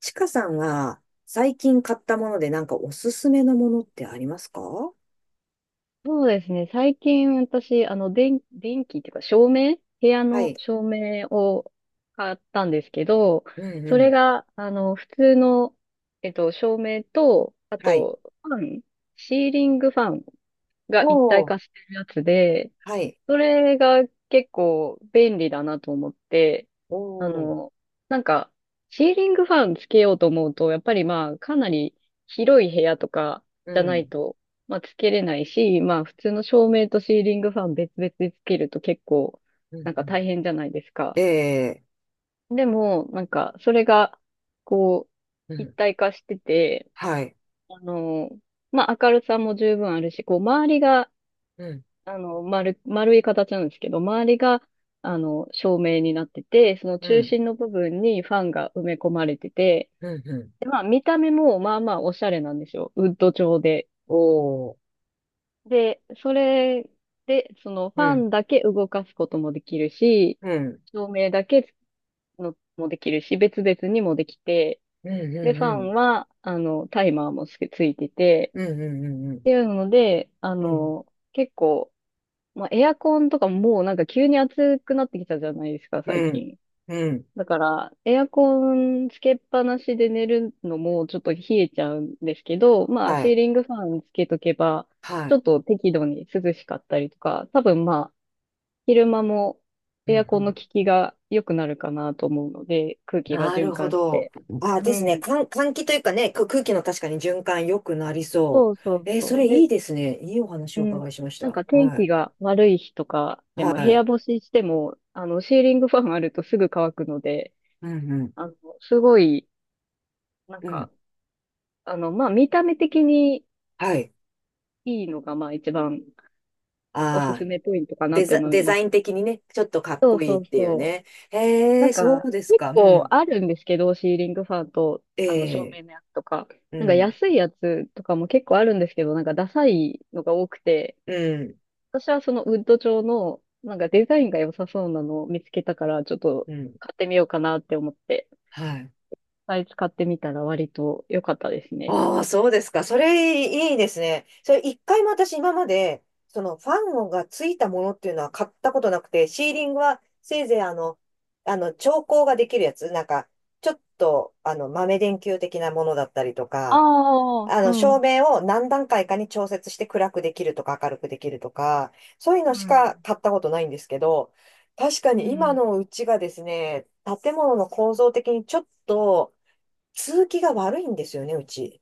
ちかさんは最近買ったものでなんかおすすめのものってありますか？はそうですね。最近私、電気っていうか照明、部屋のい。照明を買ったんですけど、うんうそれん。が、普通の、照明と、あはい。と、ファン、シーリングファンが一体おー。化してるやつで、はい。それが結構便利だなと思って、あおー。の、なんか、シーリングファンつけようと思うと、やっぱりまあ、かなり広い部屋とかうじゃないん。と、まあ、つけれないし、まあ、普通の照明とシーリングファン別々でつけると結構、うんなんうかん。大変じゃないですえか。えでも、なんか、それが、こー。うう、一ん。体化してて、はい。あの、まあ、明るさも十分あるし、こう、周りが、うん。丸い形なんですけど、周りが、あの、照明になってて、そのう中ん。心の部分にファンが埋め込まれてて、うんうん。で、まあ、見た目もまあまあおしゃれなんですよ。ウッド調で。おー。で、それで、そのフうァん。ンだけ動かすこともできるし、うん。照明だけのもできるし、別々にもできて、うんうで、んファうん。ンは、あの、タイマーもついてて、うんうんうんうっん。ていうので、うん。結構、まあ、エアコンとかもうなんか急に暑くなってきたじゃないですか、最うん。近。うん。だから、エアコンつけっぱなしで寝るのもちょっと冷えちゃうんですけど、まあ、はシーい。リングファンつけとけば、はちょい。っと適度に涼しかったりとか、多分まあ、昼間もうエアコンのん。効きが良くなるかなと思うので、空気がな循るほ環しど。て。あ、うですね。ん。換気というかね、空気の確かに循環良くなりそそうそう。うそそれう。いいで、ですね。いいお話うをおん。伺いしましなんた。か天は気い。が悪い日とかではも部屋い。干ししても、あの、シーリングファンあるとすぐ乾くので、うんうん。あの、すごい、なんうん。か、まあ、見た目的にはい。いいのが、まあ、一番おすあすあ、めポイントかなって思いデザます。イン的にね、ちょっとかっこいいそっうていうそう。ね。なへんえ、そか、うです結か。う構ん。あるんですけど、シーリングファンと、えあの、照え、明のやつとか、なうんかん。安いやつとかも結構あるんですけど、なんかダサいのが多くて、うん。私はそのウッド調の、なんかデザインが良さそうなのを見つけたから、ちょっとうん。買ってみようかなって思って、はい。サイズ買ってみたら割と良かったですね。ああ、そうですか。それいいですね。それ一回も私今まで、そのファンがついたものっていうのは買ったことなくて、シーリングはせいぜい調光ができるやつ、なんか、ちょっと、豆電球的なものだったりとか、ああ、う照ん、明を何段階かに調節して暗くできるとか明るくできるとか、そういうのうしん、か買ったことないんですけど、確かうに今ん。のうちがですね、建物の構造的にちょっと、通気が悪いんですよね、うち。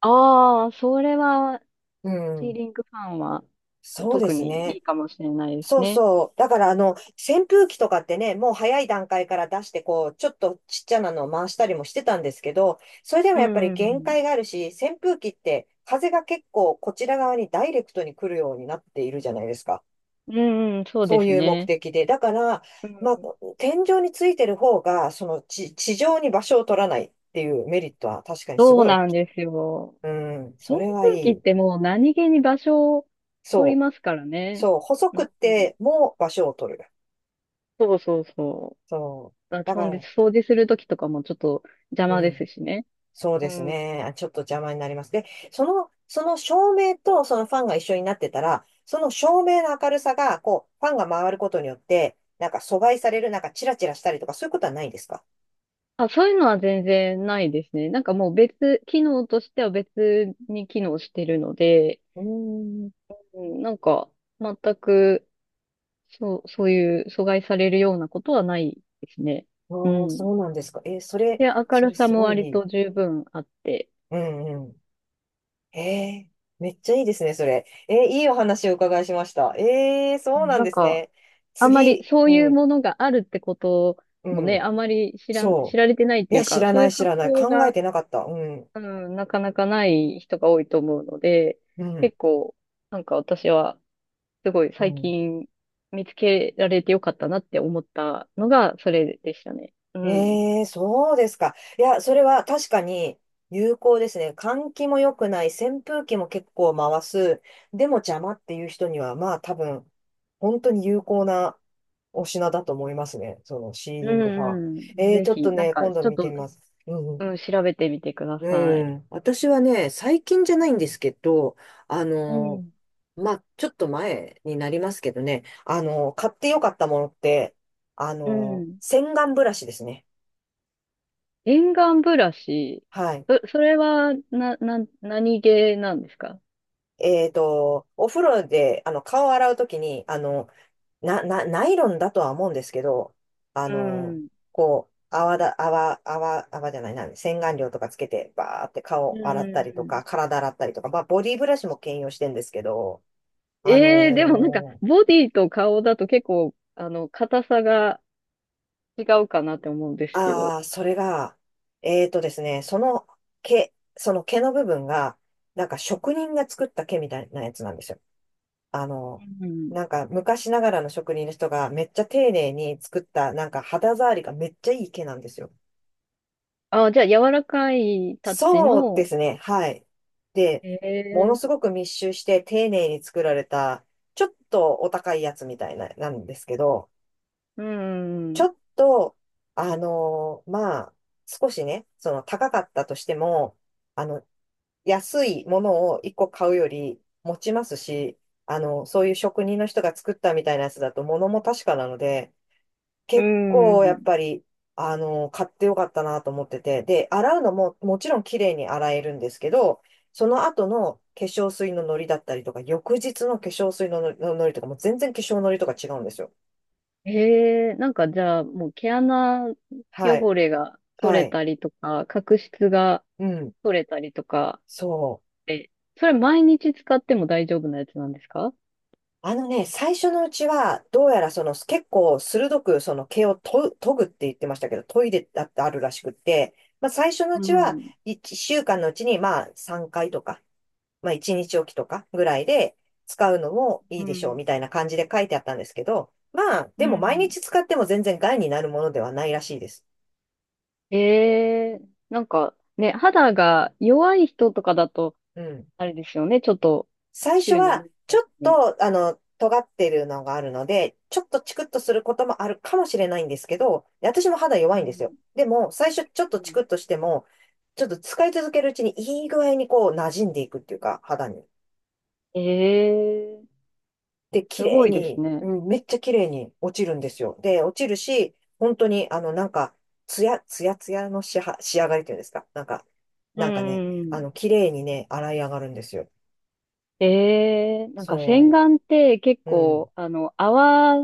ああ、それは、うシーん。リングファンはそうで特すにいね。いかもしれないですそうね。そう。だから、扇風機とかってね、もう早い段階から出して、こう、ちょっとちっちゃなのを回したりもしてたんですけど、それでもうやっぱりん、うん、う限ん。界があるし、扇風機って風が結構こちら側にダイレクトに来るようになっているじゃないですか。うんうん、そうそでうすいう目ね。的で。だから、うまあ、ん。天井についてる方が、地上に場所を取らないっていうメリットは確かにすそごうい大なんきい。ですよ。うん、そ扇れはい風機っい。てもう何気に場所を取りそう。ますからね。そう、細うくっん、うん。ても場所を取る。そうそうそそう。う。あ、だかそうでら、掃除するときとかもちょっと邪う魔ですん。しね。そううですん。ね。あ、ちょっと邪魔になります。で、その照明とそのファンが一緒になってたら、その照明の明るさが、こう、ファンが回ることによって、なんか阻害される、なんかチラチラしたりとか、そういうことはないんですか？あ、そういうのは全然ないですね。なんかもう別、機能としては別に機能してるので、うーん。うん、なんか全く、そう、そういう阻害されるようなことはないですね。うおー、ん。そうなんですか。それ、で、明そるれさすもごい割いい。と十分あって、うんうん。えーめっちゃいいですね、それ。いいお話をお伺いしました。そうなんなんですか、ね。あんまり次、そうういうん、ものがあるってことうもね、ん。あんまり知そられてないっう。いていや、う知か、らそうないうい、知発らない。想考えがてなかった。うん、うん、なかなかない人が多いと思うので、うん、結構、なんか私は、すごいう最ん。近見つけられてよかったなって思ったのが、それでしたね。うん。ええ、そうですか。いや、それは確かに有効ですね。換気も良くない、扇風機も結構回す。でも邪魔っていう人には、まあ多分、本当に有効なお品だと思いますね。そのシーうリングファン。んうん。ええ、ぜちょっとひ、なんね、か、今度ちょっ見てと、みます。うんううん。ん、調べてみてくださうい。ん。私はね、最近じゃないんですけど、あうの、ん。まあ、ちょっと前になりますけどね、買ってよかったものって、うん。洗顔ブラシですね。沿岸ブラシ、はい。それは、何系なんですか？お風呂で、顔を洗うときに、ナイロンだとは思うんですけど、あうん。うの、んこう、泡だ、泡、泡、泡じゃないな、洗顔料とかつけて、バーってう顔洗ったんりとうん。か、体洗ったりとか、まあ、ボディブラシも兼用してんですけど、あええでもなんか、のーボディと顔だと結構、あの、硬さが違うかなって思うんですけど。ああ、それが、えーとですね、その毛の部分が、なんか職人が作った毛みたいなやつなんですよ。あの、うん。なんか昔ながらの職人の人がめっちゃ丁寧に作った、なんか肌触りがめっちゃいい毛なんですよ。あ、じゃあ、柔らかいタッチそうでの、すね、はい。で、ものえすえごく密集して丁寧に作られた、ちょっとお高いやつみたいな、なんですけど、うちょん、っと、まあ、少しね、その高かったとしても、あの、安いものを一個買うより持ちますし、そういう職人の人が作ったみたいなやつだと物も確かなので、う結構やっん。ぱり、買ってよかったなと思ってて、で、洗うのももちろん綺麗に洗えるんですけど、その後の化粧水のノリだったりとか、翌日の化粧水のノリとかも全然化粧ノリとか違うんですよ。ええなんかじゃあ、もう毛穴はい。汚れが取はれい。たりとか、角質がうん。取れたりとかそう。って、それ毎日使っても大丈夫なやつなんですか？あのね、最初のうちは、どうやらその結構鋭くその毛をと研ぐって言ってましたけど、研いでだってあるらしくって、まあ最初のううちはん。1週間のうちにまあ3回とか、まあ1日おきとかぐらいで使うのもいいうでしょうん。みたいな感じで書いてあったんですけど、まあでうも毎ん。日使っても全然害になるものではないらしいです。ええなんかね、肌が弱い人とかだと、うん。あれですよね、ちょっと、最初週には、何ち回ょかっにと、尖ってるのがあるので、ちょっとチクッとすることもあるかもしれないんですけど、で私も肌弱ういんですよ。んでも、最初ちょっとチクッとしても、ちょっと使い続けるうちにいい具合にこう馴染んでいくっていうか、肌に。ええで、綺す麗ごいですに、うね。ん、めっちゃ綺麗に落ちるんですよ。で、落ちるし、本当に、なんか、ツヤツヤの仕上がりっていうんですか。なんか、うなんかね、ん。綺麗にね、洗い上がるんですよ。ええなんか洗そ顔って結う。うん、構、あの、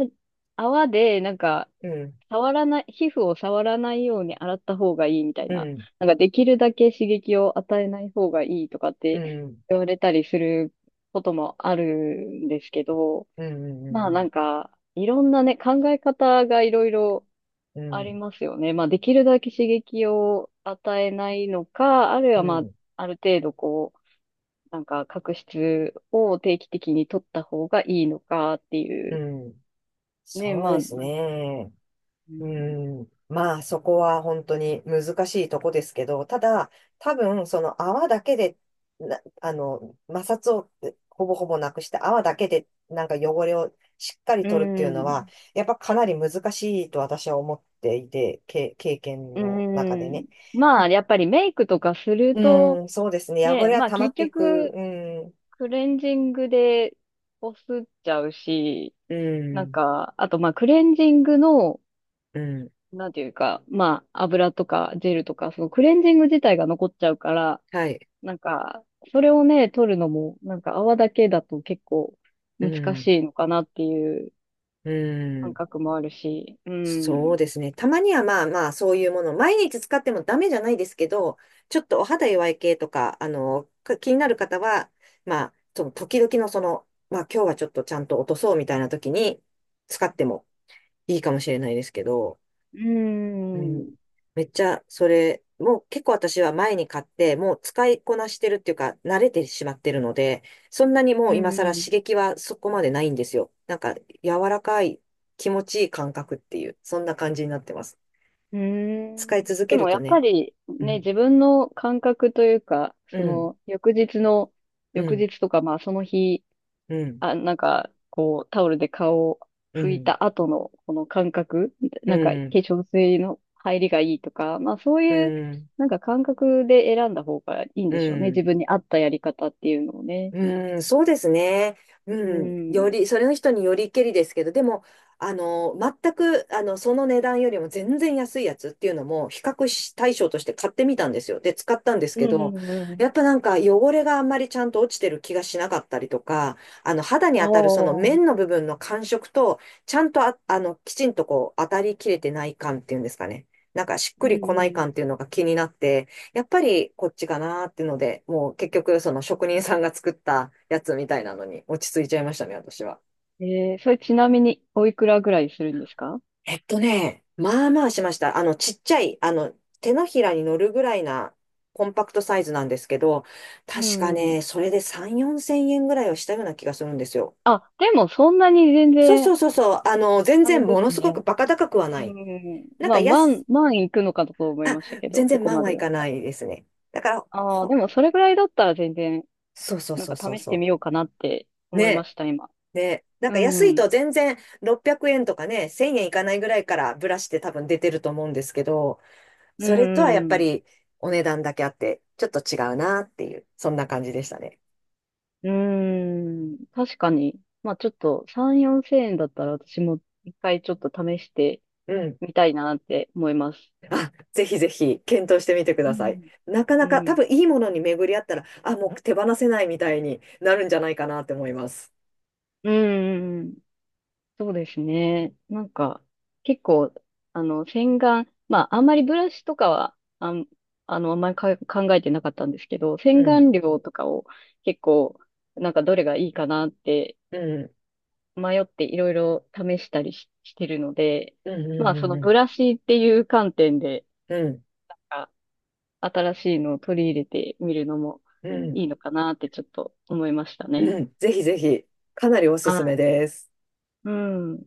泡で、なんか、うん、触らない、皮膚を触らないように洗った方がいいみたいうな、ん。なんかできるだけ刺激を与えない方がいいとかっうてん、言われたりすることもあるんですけど、うん、うまあなん、んか、いろんなね、考え方がいろいろうありん、ますよね。まあ、できるだけ刺激を与えないのか、あるいうはまん、あ、うん、ある程度こう、なんか角質を定期的に取った方がいいのかっていうう。ん、ね、そうまあ、でうすね。うん、ん。まあ、そこは本当に難しいとこですけど、ただ、多分、その泡だけで、な、あの、摩擦をほぼほぼなくして泡だけでなんか汚れをしっかりう取るっていうのは、ん、やっぱかなり難しいと私は思っていて、経験うの中でん。ね。まあ、やっぱりメイクとかするうと、ん、そうですね。汚ね、れはまあ溜ま結っていく。局、うん、クレンジングでこすっちゃうし、うなんん、か、あとまあクレンジングの、うん。なんていうか、まあ、油とかジェルとか、そのクレンジング自体が残っちゃうから、はい。なんか、それをね、取るのも、なんか泡だけだと結構う難しんいのかなっていうう感ん。覚もあるし、うそうん、ですね。たまにはまあまあ、そういうもの、毎日使ってもダメじゃないですけど、ちょっとお肌弱い系とか、気になる方は、まあ、その時々のまあ今日はちょっとちゃんと落とそうみたいな時に使ってもいいかもしれないですけど、ううん。ん、めっちゃ、それ、もう結構私は前に買って、もう使いこなしてるっていうか、慣れてしまってるので、そんなにもうう今更刺ん、激はそこまでないんですよ。なんか、柔らかい、気持ちいい感覚っていう、そんな感じになってます。う使いん。続でけるもやとっぱね、りうね、ん、自分の感覚というか、うそん、の翌日の、う翌ん、日とかまあその日うん、あ、なんか、こう、タオルで顔をう拭いん、た後のこの感覚、うなんか、化ん、粧水の入りがいいとか、まあそうういう、ん、なんか感覚で選んだ方がいいんうでしょうね。自ん。分に合ったやり方っていうのをね。うん、そうですね。ううん、よん。り、それの人によりけりですけど、でも、あの、全く、その値段よりも全然安いやつっていうのも、比較し対象として買ってみたんですよ。で、使ったんですうけんうど、んうやっん。ぱなんか汚れがあんまりちゃんと落ちてる気がしなかったりとか、肌にあ当たるその面あ。の部分の感触と、ちゃんときちんとこう、当たりきれてない感っていうんですかね。なんかしっくうんりこないう感っていうのが気になって、やっぱりこっちかなーってので、もう結局その職人さんが作ったやつみたいなのに落ち着いちゃいましたね、私は。ん。えー、それちなみにおいくらぐらいするんですか？まあまあしました。ちっちゃい、手のひらに乗るぐらいなコンパクトサイズなんですけど、う確かんうん。ね、それで3、4千円ぐらいはしたような気がするんですよ。あ、でもそんなに全そうそ然、うそうそう、全あれ然でものすすごね。くバカ高くはうなんうい。んうん。なんまかあ、安、万いくのかと思いあ、ましたけど、全そ然こ万まはでいだ。かないですね。だから、ああ、でもそれぐらいだったら全然、そうそうなんそうかそう試してそみようかなってう。思いまね、した、今。ね、なんうか安いん。と全然600円とかね、1000円いかないぐらいからブラシって多分出てると思うんですけど、うそれとはやっぱん。りお値段だけあって、ちょっと違うなっていう、そんな感じでしたね。うん。確かに。まあちょっと3、4千円だったら私も一回ちょっと試してうん。みたいなって思います。あ、ぜひぜひ検討してみてくうださい。ん。なかなうか多ん。分いいものに巡り合ったら、あ、もう手放せないみたいになるんじゃないかなって思います。うん。うんうんそうですね。なんか、結構、あの、洗顔、まあ、あんまりブラシとかは、あの、あんまり考えてなかったんですけど、う洗ん。顔料とかを結構、なんかどれがいいかなってうん。迷っていろいろ試したりし、してるので、うまあ、そん。のうブん。ラシっていう観点で、うん。あ新しいのを取り入れてみるのもうん。うん。うん。いいのかなってちょっと思いましたね。うん。ぜひぜひ、かなりおすはすめい。です。うん。